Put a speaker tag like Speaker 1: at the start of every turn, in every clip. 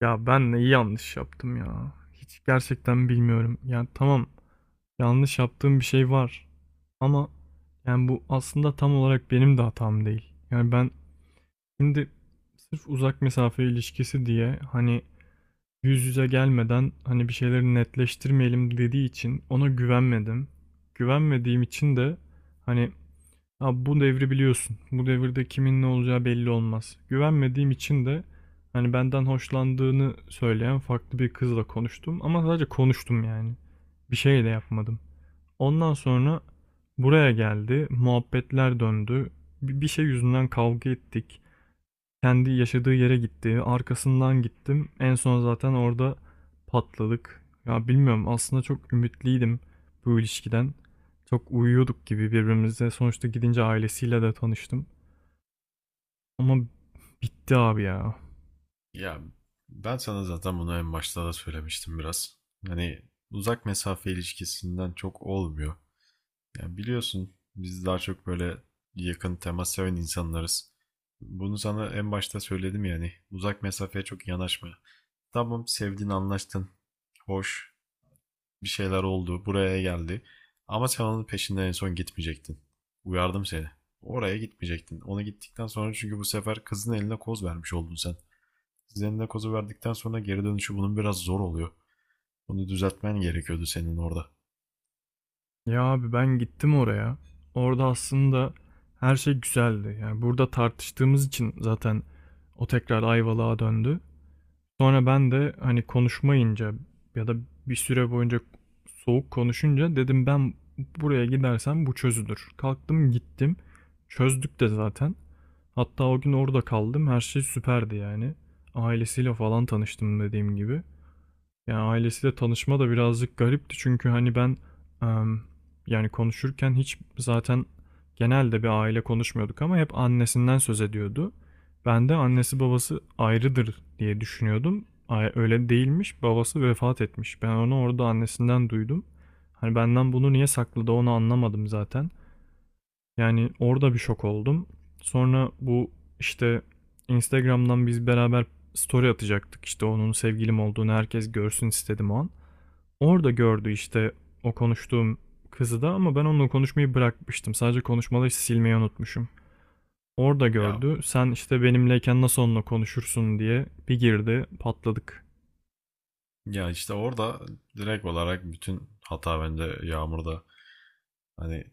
Speaker 1: Ya ben neyi yanlış yaptım ya? Hiç gerçekten bilmiyorum. Yani tamam yanlış yaptığım bir şey var. Ama yani bu aslında tam olarak benim de hatam değil. Yani ben şimdi sırf uzak mesafe ilişkisi diye hani yüz yüze gelmeden hani bir şeyleri netleştirmeyelim dediği için ona güvenmedim. Güvenmediğim için de hani abi bu devri biliyorsun. Bu devirde kimin ne olacağı belli olmaz. Güvenmediğim için de hani benden hoşlandığını söyleyen farklı bir kızla konuştum. Ama sadece konuştum yani. Bir şey de yapmadım. Ondan sonra buraya geldi. Muhabbetler döndü. Bir şey yüzünden kavga ettik. Kendi yaşadığı yere gitti. Arkasından gittim. En son zaten orada patladık. Ya bilmiyorum, aslında çok ümitliydim bu ilişkiden. Çok uyuyorduk gibi birbirimize. Sonuçta gidince ailesiyle de tanıştım. Ama bitti abi ya.
Speaker 2: Ya ben sana zaten bunu en başta da söylemiştim biraz. Hani uzak mesafe ilişkisinden çok olmuyor. Yani biliyorsun biz daha çok böyle yakın temas seven insanlarız. Bunu sana en başta söyledim yani. Uzak mesafeye çok yanaşma. Tamam, sevdin anlaştın. Hoş bir şeyler oldu, buraya geldi. Ama sen onun peşinden en son gitmeyecektin. Uyardım seni. Oraya gitmeyecektin. Ona gittikten sonra çünkü bu sefer kızın eline koz vermiş oldun sen. Zendakos'u verdikten sonra geri dönüşü bunun biraz zor oluyor. Bunu düzeltmen gerekiyordu senin orada.
Speaker 1: Ya abi ben gittim oraya. Orada aslında her şey güzeldi. Yani burada tartıştığımız için zaten o tekrar Ayvalık'a döndü. Sonra ben de hani konuşmayınca ya da bir süre boyunca soğuk konuşunca dedim ben buraya gidersem bu çözülür. Kalktım gittim. Çözdük de zaten. Hatta o gün orada kaldım. Her şey süperdi yani. Ailesiyle falan tanıştım dediğim gibi. Ya ailesiyle tanışma da birazcık garipti, çünkü hani ben em, yani konuşurken hiç zaten genelde bir aile konuşmuyorduk ama hep annesinden söz ediyordu. Ben de annesi babası ayrıdır diye düşünüyordum. Öyle değilmiş. Babası vefat etmiş. Ben onu orada annesinden duydum. Hani benden bunu niye sakladı, onu anlamadım zaten. Yani orada bir şok oldum. Sonra bu işte Instagram'dan biz beraber story atacaktık. İşte onun sevgilim olduğunu herkes görsün istedim o an. Orada gördü işte o konuştuğum kızı da, ama ben onunla konuşmayı bırakmıştım. Sadece konuşmaları işte silmeyi unutmuşum. Orada
Speaker 2: Ya
Speaker 1: gördü. Sen işte benimleyken nasıl onunla konuşursun diye bir girdi, patladık.
Speaker 2: ya işte orada direkt olarak bütün hata bende, Yağmur'da. Hani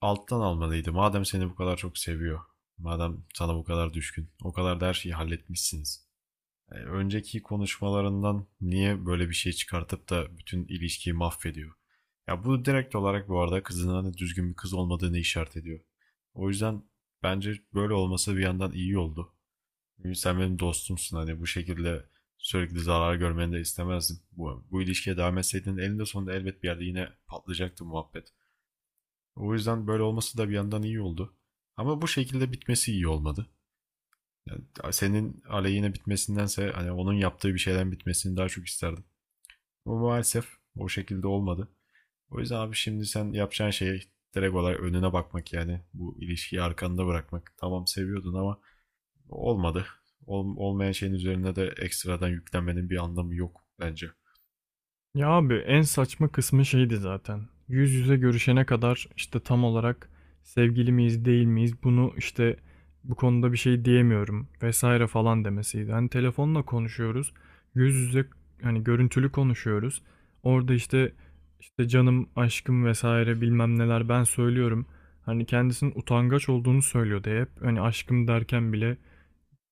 Speaker 2: alttan almalıydı. Madem seni bu kadar çok seviyor. Madem sana bu kadar düşkün. O kadar da her şeyi halletmişsiniz. Önceki konuşmalarından niye böyle bir şey çıkartıp da bütün ilişkiyi mahvediyor? Ya bu direkt olarak bu arada kızının hani düzgün bir kız olmadığını işaret ediyor. O yüzden bence böyle olması bir yandan iyi oldu. Sen benim dostumsun, hani bu şekilde sürekli zarar görmeni de istemezdim. Bu ilişkiye devam etseydin elinde sonunda elbet bir yerde yine patlayacaktı muhabbet. O yüzden böyle olması da bir yandan iyi oldu. Ama bu şekilde bitmesi iyi olmadı. Yani senin aleyhine bitmesindense hani onun yaptığı bir şeyden bitmesini daha çok isterdim. Ama maalesef o şekilde olmadı. O yüzden abi şimdi sen yapacağın şey direkt olarak önüne bakmak yani. Bu ilişkiyi arkanda bırakmak. Tamam, seviyordun ama olmadı. Olmayan şeyin üzerine de ekstradan yüklenmenin bir anlamı yok bence.
Speaker 1: Ya abi en saçma kısmı şeydi zaten. Yüz yüze görüşene kadar işte tam olarak sevgili miyiz değil miyiz, bunu işte bu konuda bir şey diyemiyorum vesaire falan demesiydi. Hani telefonla konuşuyoruz. Yüz yüze hani görüntülü konuşuyoruz. Orada işte canım, aşkım vesaire bilmem neler ben söylüyorum. Hani kendisinin utangaç olduğunu söylüyordu hep. Hani aşkım derken bile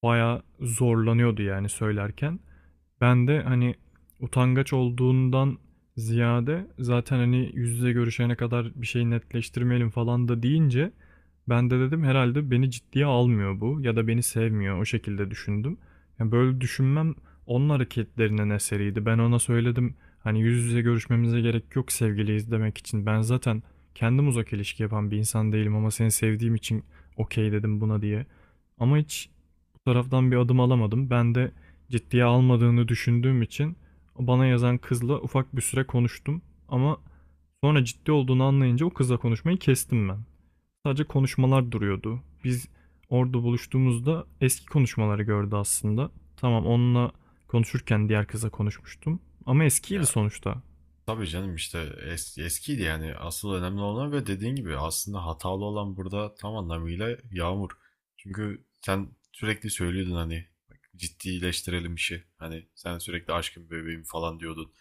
Speaker 1: bayağı zorlanıyordu yani söylerken. Ben de hani utangaç olduğundan ziyade zaten hani yüz yüze görüşene kadar bir şey netleştirmeyelim falan da deyince ben de dedim herhalde beni ciddiye almıyor bu, ya da beni sevmiyor, o şekilde düşündüm. Yani böyle düşünmem onun hareketlerinin eseriydi. Ben ona söyledim hani yüz yüze görüşmemize gerek yok sevgiliyiz demek için. Ben zaten kendim uzak ilişki yapan bir insan değilim ama seni sevdiğim için okey dedim buna diye. Ama hiç bu taraftan bir adım alamadım. Ben de ciddiye almadığını düşündüğüm için bana yazan kızla ufak bir süre konuştum, ama sonra ciddi olduğunu anlayınca o kızla konuşmayı kestim ben. Sadece konuşmalar duruyordu. Biz orada buluştuğumuzda eski konuşmaları gördü aslında. Tamam, onunla konuşurken diğer kıza konuşmuştum ama eskiydi
Speaker 2: Ya
Speaker 1: sonuçta.
Speaker 2: tabii canım, işte eskiydi, yani asıl önemli olan ve dediğin gibi aslında hatalı olan burada tam anlamıyla Yağmur. Çünkü sen sürekli söylüyordun hani, bak, ciddileştirelim işi. Hani sen sürekli aşkım, bebeğim falan diyordun.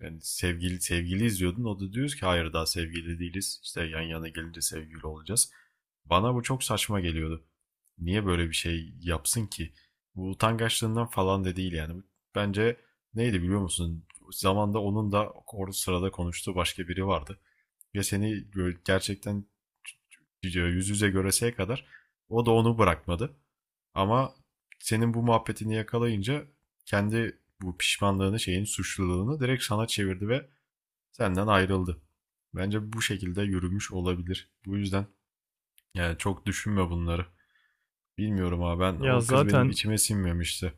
Speaker 2: Yani sevgili sevgili izliyordun. O da diyoruz ki hayır, daha sevgili değiliz. İşte yan yana gelince sevgili olacağız. Bana bu çok saçma geliyordu. Niye böyle bir şey yapsın ki? Bu utangaçlığından falan da değil yani. Bence, neydi biliyor musun, zamanda onun da orada sırada konuştuğu başka biri vardı. Ve seni gerçekten yüz yüze göreseye kadar o da onu bırakmadı. Ama senin bu muhabbetini yakalayınca kendi bu pişmanlığını, şeyin, suçluluğunu direkt sana çevirdi ve senden ayrıldı. Bence bu şekilde yürümüş olabilir. Bu yüzden yani çok düşünme bunları. Bilmiyorum abi, ben
Speaker 1: Ya
Speaker 2: o kız benim
Speaker 1: zaten
Speaker 2: içime sinmemişti.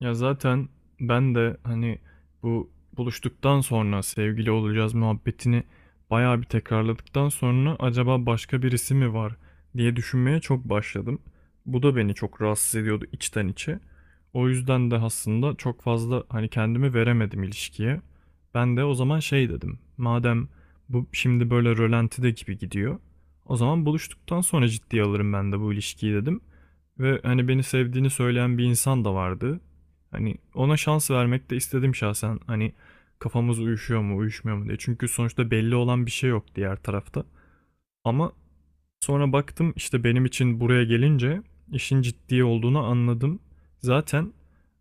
Speaker 1: Ya zaten ben de hani bu buluştuktan sonra sevgili olacağız muhabbetini bayağı bir tekrarladıktan sonra acaba başka birisi mi var diye düşünmeye çok başladım. Bu da beni çok rahatsız ediyordu içten içe. O yüzden de aslında çok fazla hani kendimi veremedim ilişkiye. Ben de o zaman şey dedim. Madem bu şimdi böyle rölantide gibi gidiyor. O zaman buluştuktan sonra ciddiye alırım ben de bu ilişkiyi dedim. Ve hani beni sevdiğini söyleyen bir insan da vardı. Hani ona şans vermek de istedim şahsen. Hani kafamız uyuşuyor mu, uyuşmuyor mu diye. Çünkü sonuçta belli olan bir şey yok diğer tarafta. Ama sonra baktım işte, benim için buraya gelince işin ciddi olduğunu anladım. Zaten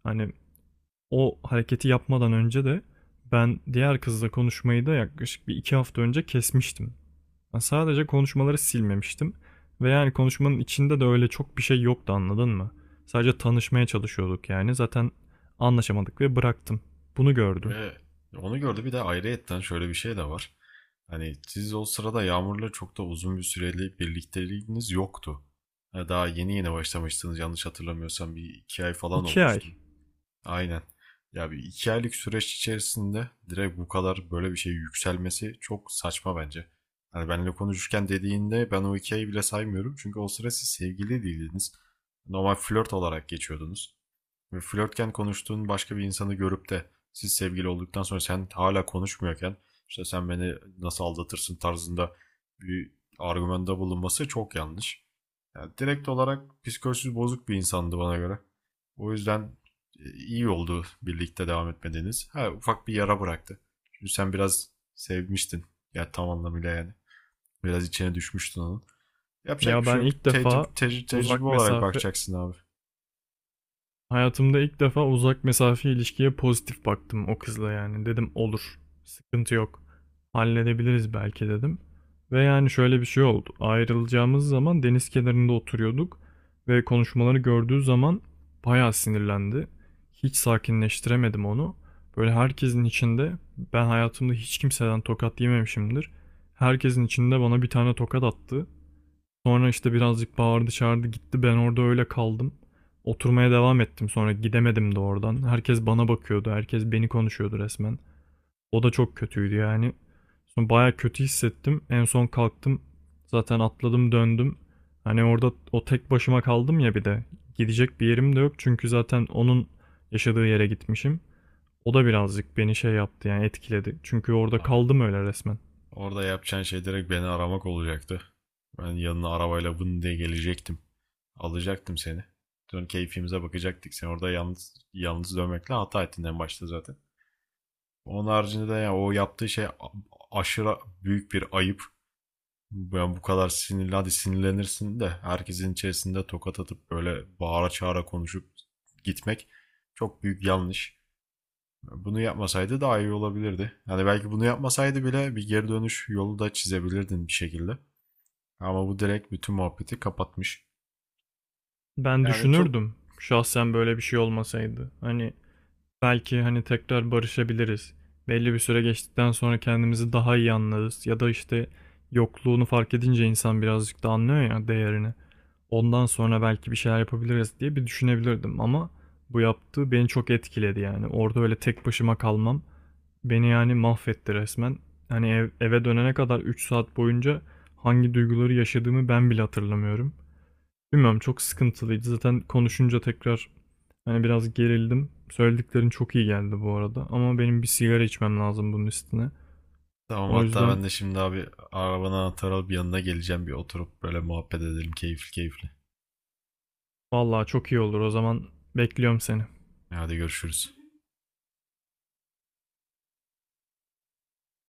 Speaker 1: hani o hareketi yapmadan önce de ben diğer kızla konuşmayı da yaklaşık bir iki hafta önce kesmiştim. Ben sadece konuşmaları silmemiştim. Ve yani konuşmanın içinde de öyle çok bir şey yoktu, anladın mı? Sadece tanışmaya çalışıyorduk yani. Zaten anlaşamadık ve bıraktım. Bunu gördü.
Speaker 2: Ve onu gördü, bir de ayrıyetten şöyle bir şey de var. Hani siz o sırada Yağmur'la çok da uzun bir süreli birlikteliğiniz yoktu. Ha, daha yeni yeni başlamıştınız, yanlış hatırlamıyorsam bir iki ay falan
Speaker 1: İki
Speaker 2: olmuştu.
Speaker 1: ay.
Speaker 2: Aynen. Ya bir iki aylık süreç içerisinde direkt bu kadar böyle bir şey yükselmesi çok saçma bence. Hani benimle konuşurken dediğinde ben o iki ayı bile saymıyorum. Çünkü o sıra siz sevgili değildiniz. Normal flört olarak geçiyordunuz. Ve flörtken konuştuğun başka bir insanı görüp de siz sevgili olduktan sonra sen hala konuşmuyorken işte sen beni nasıl aldatırsın tarzında bir argümanda bulunması çok yanlış. Yani direkt olarak psikolojisi bozuk bir insandı bana göre. O yüzden iyi oldu birlikte devam etmediğiniz. Ha, ufak bir yara bıraktı. Çünkü sen biraz sevmiştin. Ya tam anlamıyla yani. Biraz içine düşmüştün onun. Yapacak
Speaker 1: Ya
Speaker 2: bir şey
Speaker 1: ben
Speaker 2: yok.
Speaker 1: ilk
Speaker 2: Tecrübe,
Speaker 1: defa
Speaker 2: tecrübe tecrübe
Speaker 1: uzak
Speaker 2: olarak
Speaker 1: mesafe,
Speaker 2: bakacaksın abi.
Speaker 1: hayatımda ilk defa uzak mesafe ilişkiye pozitif baktım o kızla yani. Dedim olur. Sıkıntı yok. Halledebiliriz belki dedim. Ve yani şöyle bir şey oldu. Ayrılacağımız zaman deniz kenarında oturuyorduk ve konuşmaları gördüğü zaman bayağı sinirlendi. Hiç sakinleştiremedim onu. Böyle herkesin içinde, ben hayatımda hiç kimseden tokat yememişimdir. Herkesin içinde bana bir tane tokat attı. Sonra işte birazcık bağırdı çağırdı gitti. Ben orada öyle kaldım. Oturmaya devam ettim, sonra gidemedim de oradan. Herkes bana bakıyordu. Herkes beni konuşuyordu resmen. O da çok kötüydü yani. Sonra baya kötü hissettim. En son kalktım. Zaten atladım döndüm. Hani orada o tek başıma kaldım ya bir de. Gidecek bir yerim de yok çünkü zaten onun yaşadığı yere gitmişim. O da birazcık beni şey yaptı yani etkiledi. Çünkü orada
Speaker 2: Abi,
Speaker 1: kaldım öyle resmen.
Speaker 2: orada yapacağın şey direkt beni aramak olacaktı. Ben yanına arabayla vın diye gelecektim. Alacaktım seni. Dön, keyfimize bakacaktık. Sen orada yalnız yalnız dönmekle hata ettin en başta zaten. Onun haricinde de ya o yaptığı şey aşırı büyük bir ayıp. Yani bu kadar sinirli, hadi sinirlenirsin de herkesin içerisinde tokat atıp böyle bağıra çağıra konuşup gitmek çok büyük yanlış. Bunu yapmasaydı daha iyi olabilirdi. Yani belki bunu yapmasaydı bile bir geri dönüş yolu da çizebilirdin bir şekilde. Ama bu direkt bütün muhabbeti kapatmış.
Speaker 1: Ben
Speaker 2: Yani çok,
Speaker 1: düşünürdüm şahsen böyle bir şey olmasaydı. Hani belki hani tekrar barışabiliriz. Belli bir süre geçtikten sonra kendimizi daha iyi anlarız. Ya da işte yokluğunu fark edince insan birazcık da anlıyor ya değerini. Ondan sonra belki bir şeyler yapabiliriz diye bir düşünebilirdim ama bu yaptığı beni çok etkiledi yani. Orada öyle tek başıma kalmam beni yani mahvetti resmen. Hani eve dönene kadar 3 saat boyunca hangi duyguları yaşadığımı ben bile hatırlamıyorum. Bilmiyorum, çok sıkıntılıydı. Zaten konuşunca tekrar hani biraz gerildim. Söylediklerin çok iyi geldi bu arada. Ama benim bir sigara içmem lazım bunun üstüne.
Speaker 2: tamam,
Speaker 1: O
Speaker 2: hatta
Speaker 1: yüzden
Speaker 2: ben de şimdi abi arabanın anahtarı alıp yanına geleceğim, bir oturup böyle muhabbet edelim keyifli keyifli.
Speaker 1: vallahi çok iyi olur. O zaman bekliyorum seni.
Speaker 2: Hadi görüşürüz.